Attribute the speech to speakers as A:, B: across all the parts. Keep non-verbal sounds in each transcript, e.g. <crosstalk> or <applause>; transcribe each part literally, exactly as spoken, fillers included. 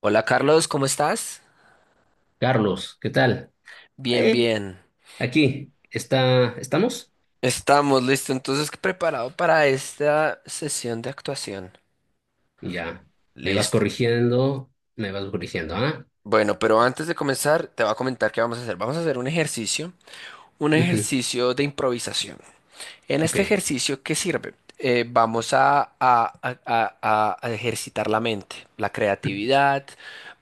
A: Hola Carlos, ¿cómo estás?
B: Carlos, ¿qué tal?
A: Bien,
B: Eh,
A: bien.
B: Aquí, está, ¿estamos?
A: Estamos listo, entonces preparado para esta sesión de actuación.
B: Ya, me vas
A: Listo.
B: corrigiendo, me vas corrigiendo, ¿ah?
A: Bueno, pero antes de comenzar, te voy a comentar qué vamos a hacer. Vamos a hacer un ejercicio, un
B: Ujú.
A: ejercicio de improvisación. En este
B: Ok.
A: ejercicio, ¿qué sirve? Eh, vamos a, a- a- a- a ejercitar la mente, la creatividad,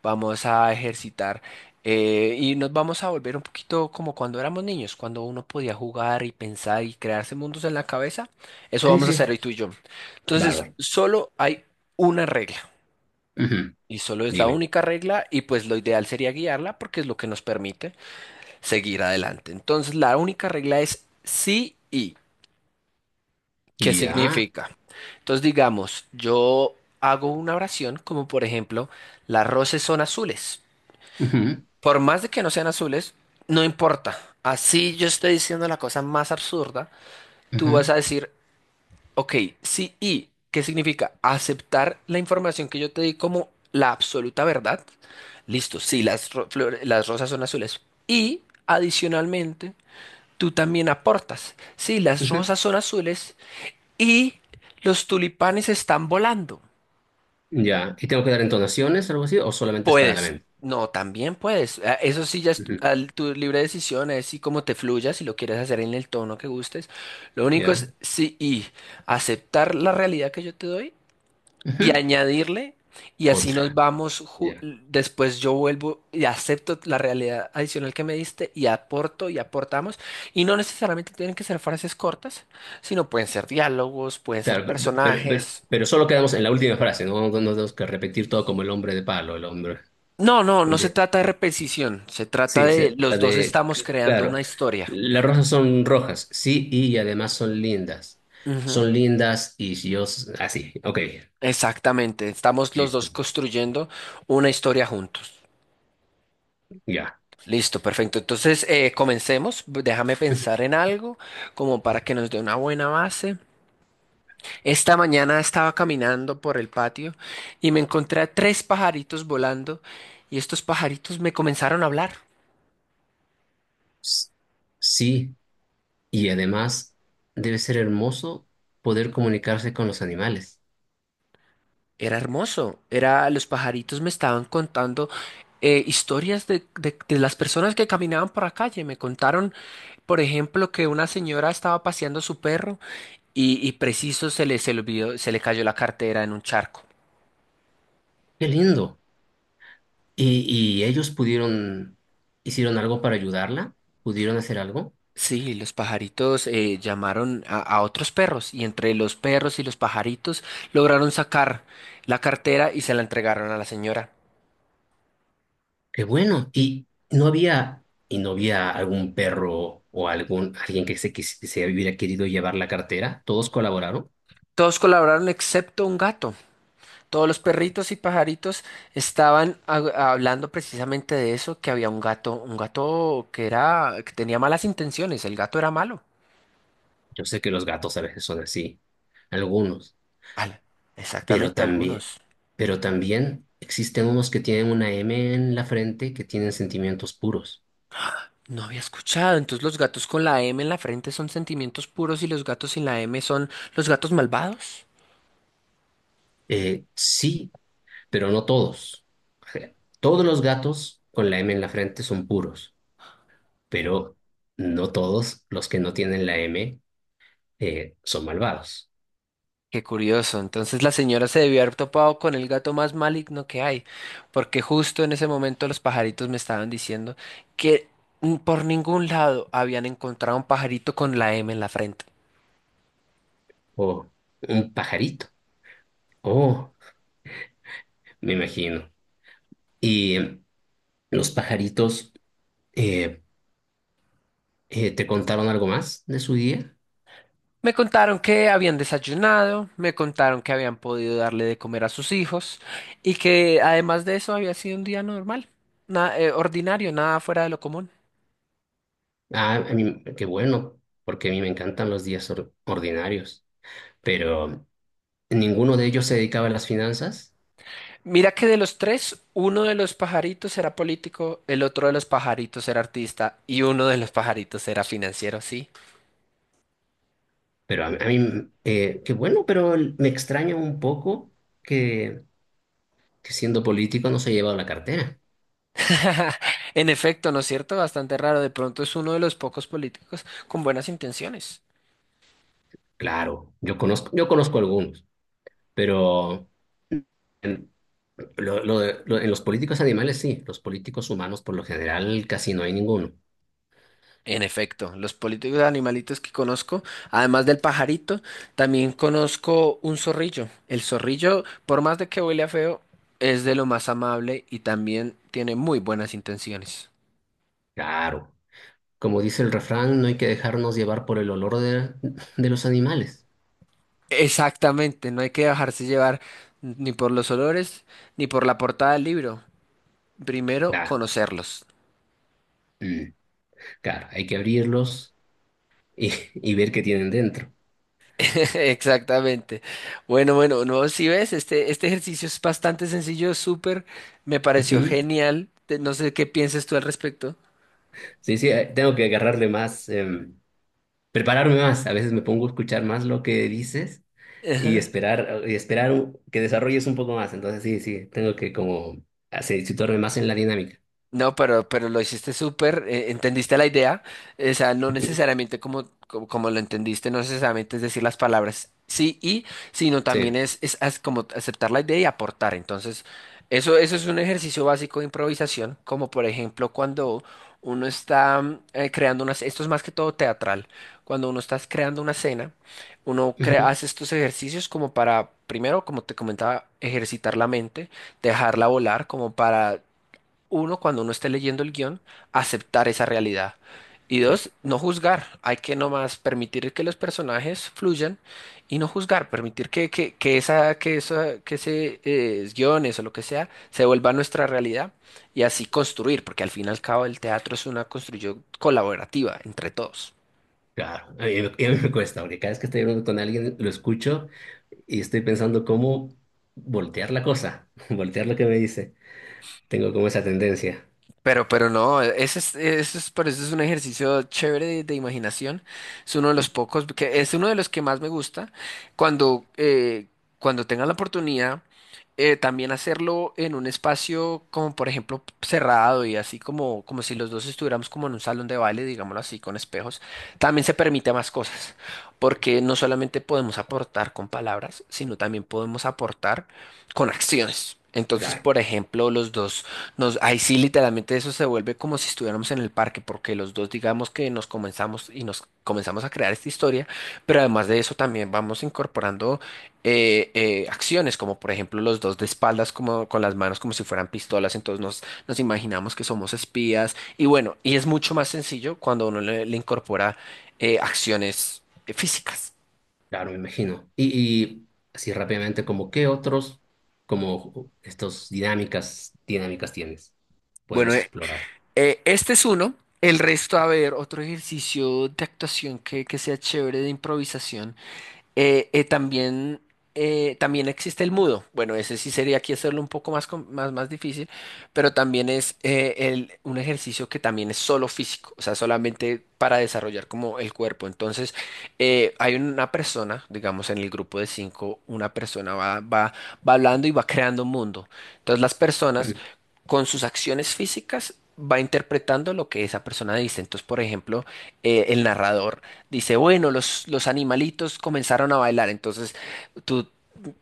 A: vamos a ejercitar eh, y nos vamos a volver un poquito como cuando éramos niños, cuando uno podía jugar y pensar y crearse mundos en la cabeza. Eso
B: Sí,
A: vamos a hacer
B: sí,
A: hoy tú y yo. Entonces,
B: bárbaro.
A: solo hay una regla
B: Ujú.
A: y solo es la
B: Dime.
A: única regla y pues lo ideal sería guiarla porque es lo que nos permite seguir adelante. Entonces, la única regla es sí y. ¿Qué
B: Ya.
A: significa? Entonces, digamos, yo hago una oración como por ejemplo, las rosas son azules.
B: Ujú.
A: Por más de que no sean azules, no importa. Así yo estoy diciendo la cosa más absurda, tú vas a
B: Ujú.
A: decir, ok, sí y, ¿qué significa? Aceptar la información que yo te di como la absoluta verdad. Listo, sí, las, ro- flores- las rosas son azules. Y adicionalmente, tú también aportas. Sí, las
B: Ujú.
A: rosas son azules y los tulipanes están volando.
B: Ya. ¿Y tengo que dar entonaciones, algo así, o solamente es para la
A: Puedes.
B: mente?
A: No, también puedes. A- Eso sí, ya es
B: Ujú.
A: tu tu libre decisión, es si como te fluya, si lo quieres hacer en el tono que gustes. Lo único es
B: Ya.
A: sí y aceptar la realidad que yo te doy y
B: Ujú.
A: añadirle, y así nos
B: Otra.
A: vamos. ju-
B: Ya.
A: Después yo vuelvo y acepto la realidad adicional que me diste y aporto y aportamos. Y no necesariamente tienen que ser frases cortas, sino pueden ser diálogos, pueden ser
B: Claro, pe- pe- pero, pero-
A: personajes.
B: pero solo quedamos en la última frase, no, no tenemos que repetir todo como el hombre de palo, el hombre.
A: No, no, no se trata de repetición, se trata
B: Sí,
A: de
B: se- la
A: los dos
B: de,
A: estamos
B: c-
A: creando
B: claro,
A: una historia.
B: las rosas son rojas, sí, y además son lindas.
A: Ujú.
B: Son lindas y si yo, s- así, ok,
A: Exactamente, estamos los dos
B: listo,
A: construyendo una historia juntos.
B: ya.
A: Listo, perfecto. Entonces, eh, comencemos. Déjame pensar en algo como para que nos dé una buena base. Esta mañana estaba caminando por el patio y me encontré a tres pajaritos volando y estos pajaritos me comenzaron a hablar.
B: S- Sí, y además debe ser hermoso poder comunicarse con los animales.
A: Era hermoso, era, los pajaritos me estaban contando eh, historias de, de- de las personas que caminaban por la calle. Me contaron, por ejemplo, que una señora estaba paseando su perro y, y preciso se le, se le olvidó, se le cayó la cartera en un charco.
B: Qué lindo. ¿Y, y ellos pudieron, hicieron algo para ayudarla? ¿Pudieron hacer algo?
A: Sí, los pajaritos eh, llamaron a, a otros perros y entre los perros y los pajaritos lograron sacar la cartera y se la entregaron a la señora.
B: Qué bueno. Y no había, y no había algún perro o algún alguien que se, quis- que se hubiera querido llevar la cartera. Todos colaboraron.
A: Todos colaboraron excepto un gato. Todos los perritos y pajaritos estaban ha- hablando precisamente de eso, que había un gato, un gato que era, que tenía malas intenciones, el gato era malo.
B: Yo sé que los gatos a veces son así, algunos,
A: Al-
B: pero
A: exactamente,
B: también,
A: algunos.
B: pero también existen unos que tienen una M en la frente que tienen sentimientos puros.
A: No había escuchado. Entonces los gatos con la M en la frente son sentimientos puros y los gatos sin la M son los gatos malvados.
B: Eh, sí, pero no todos. O sea, todos los gatos con la M en la frente son puros, pero no todos los que no tienen la M eh, son malvados.
A: Qué curioso. Entonces la señora se debió haber topado con el gato más maligno que hay, porque justo en ese momento los pajaritos me estaban diciendo que n- por ningún lado habían encontrado un pajarito con la M en la frente.
B: Oh, un pajarito. Oh, me imagino. ¿Y em, los pajaritos, eh, eh, te contaron algo más de su día?
A: Me contaron que habían desayunado, me contaron que habían podido darle de comer a sus hijos y que además de eso había sido un día normal, na- eh, ordinario, nada fuera de lo común.
B: Ah, a mí, qué bueno, porque a mí me encantan los días or- ordinarios. Pero ninguno de ellos se dedicaba a las finanzas.
A: Mira que de los tres, uno de los pajaritos era político, el otro de los pajaritos era artista y uno de los pajaritos era financiero, sí.
B: Pero a, a mí, mm, eh, qué bueno, pero l- me extraña un poco que, que siendo político no se haya llevado la cartera.
A: <laughs> En efecto, ¿no es cierto? Bastante raro. De pronto es uno de los pocos políticos con buenas intenciones.
B: Claro, yo conozco, yo conozco algunos, pero Lo- lo de- lo- en los políticos animales sí, los políticos humanos por lo general casi no hay ninguno.
A: En efecto, los políticos animalitos que conozco, además del pajarito, también conozco un zorrillo. El zorrillo, por más de que huele a feo, es de lo más amable y también tiene muy buenas intenciones.
B: Claro. Como dice el refrán, no hay que dejarnos llevar por el olor de, de los animales.
A: Exactamente, no hay que dejarse llevar ni por los olores ni por la portada del libro. Primero,
B: Claro.
A: conocerlos.
B: Mm, claro, hay que abrirlos y, y ver qué tienen dentro.
A: <laughs> Exactamente. Bueno, bueno, no, si ves, este, este ejercicio es bastante sencillo, súper, me pareció
B: Ujú.
A: genial. Te- No sé qué piensas tú al respecto.
B: Sí, sí, eh, tengo que agarrarle más, em, prepararme más. A veces me pongo a escuchar más lo que dices y
A: <laughs>
B: esperar, y esperar un- que desarrolles un poco más. Entonces sí, sí, tengo que como así, situarme más en la dinámica.
A: No, pero, pero lo hiciste súper, eh, entendiste la idea, o sea, no
B: Ujú.
A: necesariamente como, como, como lo entendiste, no necesariamente es decir las palabras sí y, sino también
B: Sí.
A: es, es, as- como aceptar la idea y aportar. Entonces, eso, eso es un ejercicio básico de improvisación, como por ejemplo cuando uno está mm, eh, creando unas, esto es más que todo teatral, cuando uno está creando una escena, uno crea,
B: Ujú.
A: hace estos ejercicios como para, primero, como te comentaba, ejercitar la mente dejarla volar como para uno, cuando uno esté leyendo el guión, aceptar esa realidad. Y
B: Sí,
A: dos, no juzgar. Hay que nomás permitir que los personajes fluyan y no juzgar, permitir que, que, que esa, que esa, que ese eh, guiones o lo que sea se vuelva nuestra realidad y así construir, porque al fin y al cabo el teatro es una construcción colaborativa entre todos.
B: claro. A mí, me a mí me cuesta, porque cada vez que estoy hablando con alguien, lo escucho y estoy pensando cómo voltear la cosa, <laughs> voltear lo que me dice. Tengo como esa tendencia.
A: Pero, pero no, ese es, eso es, por eso es un ejercicio chévere de, de imaginación. Es uno de los pocos, que es uno de los que más me gusta. Cuando, eh, cuando tenga la oportunidad, eh, también hacerlo en un espacio como, por ejemplo, cerrado y así como, como si los dos estuviéramos como en un salón de baile, digámoslo así, con espejos, también se permite más cosas. Porque no solamente podemos aportar con palabras, sino también podemos aportar con acciones. Entonces,
B: Claro,
A: por ejemplo, los dos. Nos, ahí sí, literalmente eso se vuelve como si estuviéramos en el parque, porque los dos digamos que nos comenzamos y nos comenzamos a crear esta historia, pero además de eso también vamos incorporando eh, eh, acciones, como por ejemplo los dos de espaldas, como con las manos como si fueran pistolas, entonces nos, nos imaginamos que somos espías, y bueno, y es mucho más sencillo cuando uno le, le incorpora eh, acciones eh, físicas.
B: claro, me imagino. Y, y así rápidamente, como qué otros, como estos dinámicas, dinámicas tienes,
A: Bueno,
B: podemos
A: eh,
B: explorar.
A: eh, este es uno. El resto, a ver, otro ejercicio de actuación que, que sea chévere de improvisación. Eh, eh, también, eh, también existe el mudo. Bueno, ese sí sería aquí hacerlo un poco más, com- más, más difícil, pero también es eh, el- un ejercicio que también es solo físico, o sea, solamente para desarrollar como el cuerpo. Entonces, eh, hay una persona, digamos, en el grupo de cinco, una persona va, va, va hablando y va creando un mundo. Entonces, las personas
B: Mm.
A: con sus acciones físicas va interpretando lo que esa persona dice. Entonces, por ejemplo, eh, el narrador dice, bueno, los, los animalitos comenzaron a bailar, entonces tú...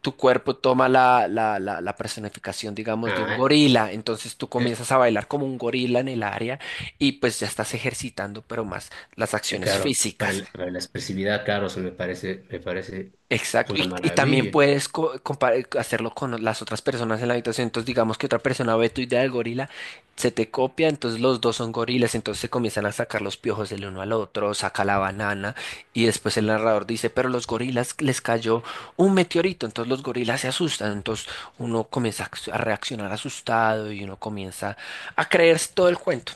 A: Tu cuerpo toma la, la, la, la personificación, digamos, de un
B: Ah,
A: gorila, entonces tú
B: eh,
A: comienzas a bailar como un gorila en el área y pues ya estás ejercitando, pero más las
B: eh,
A: acciones
B: claro, para,
A: físicas.
B: el- para la expresividad, claro, eso me parece, me parece
A: Exacto,
B: una
A: y, y también
B: maravilla.
A: puedes co- compar- hacerlo con las otras personas en la habitación. Entonces, digamos que otra persona ve tu idea del gorila, se te copia, entonces los dos son gorilas, entonces se comienzan a sacar los piojos del uno al otro, saca la banana, y después el narrador dice, pero los gorilas les cayó un meteorito, entonces los gorilas se asustan, entonces uno comienza a ac- a reaccionar asustado y uno comienza a creerse todo el cuento.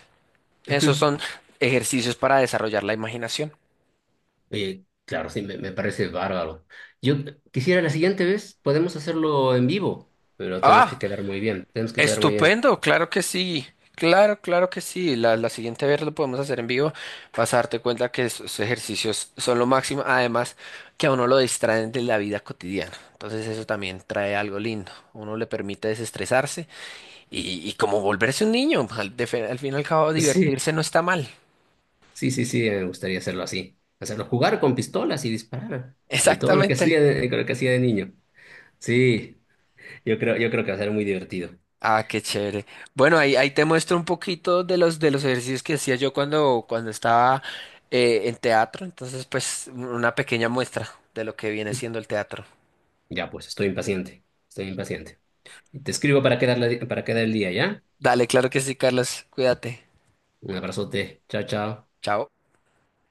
A: Esos son
B: <laughs>
A: ejercicios para desarrollar la imaginación.
B: Oye, claro, sí, me, me parece bárbaro. Yo quisiera la siguiente vez, podemos hacerlo en vivo, pero tenemos que
A: ¡Ah!
B: quedar muy bien, tenemos que quedar muy bien.
A: Estupendo, claro que sí. Claro, claro que sí. La, la siguiente vez lo podemos hacer en vivo. Vas a darte cuenta que esos ejercicios son lo máximo. Además, que a uno lo distraen de la vida cotidiana. Entonces eso también trae algo lindo. Uno le permite desestresarse y, y como volverse un niño. Al, de fe- al fin y al cabo,
B: Sí,
A: divertirse no está mal.
B: sí, sí, sí, me gustaría hacerlo así. Hacerlo jugar con pistolas y disparar.
A: <laughs>
B: Y todo lo que
A: Exactamente.
B: hacía de, lo que hacía de niño. Sí, yo creo, yo creo que va a ser muy divertido.
A: Ah, qué chévere. Bueno, ahí, ahí te muestro un poquito de los, de los ejercicios que hacía yo cuando, cuando estaba eh, en teatro. Entonces, pues, una pequeña muestra de lo que viene siendo el teatro.
B: Ya, pues, estoy impaciente, estoy impaciente. Te escribo para quedar, la- para quedar el día, ¿ya?
A: Dale, claro que sí, Carlos. Cuídate.
B: Un abrazote, chao, chao.
A: Chao.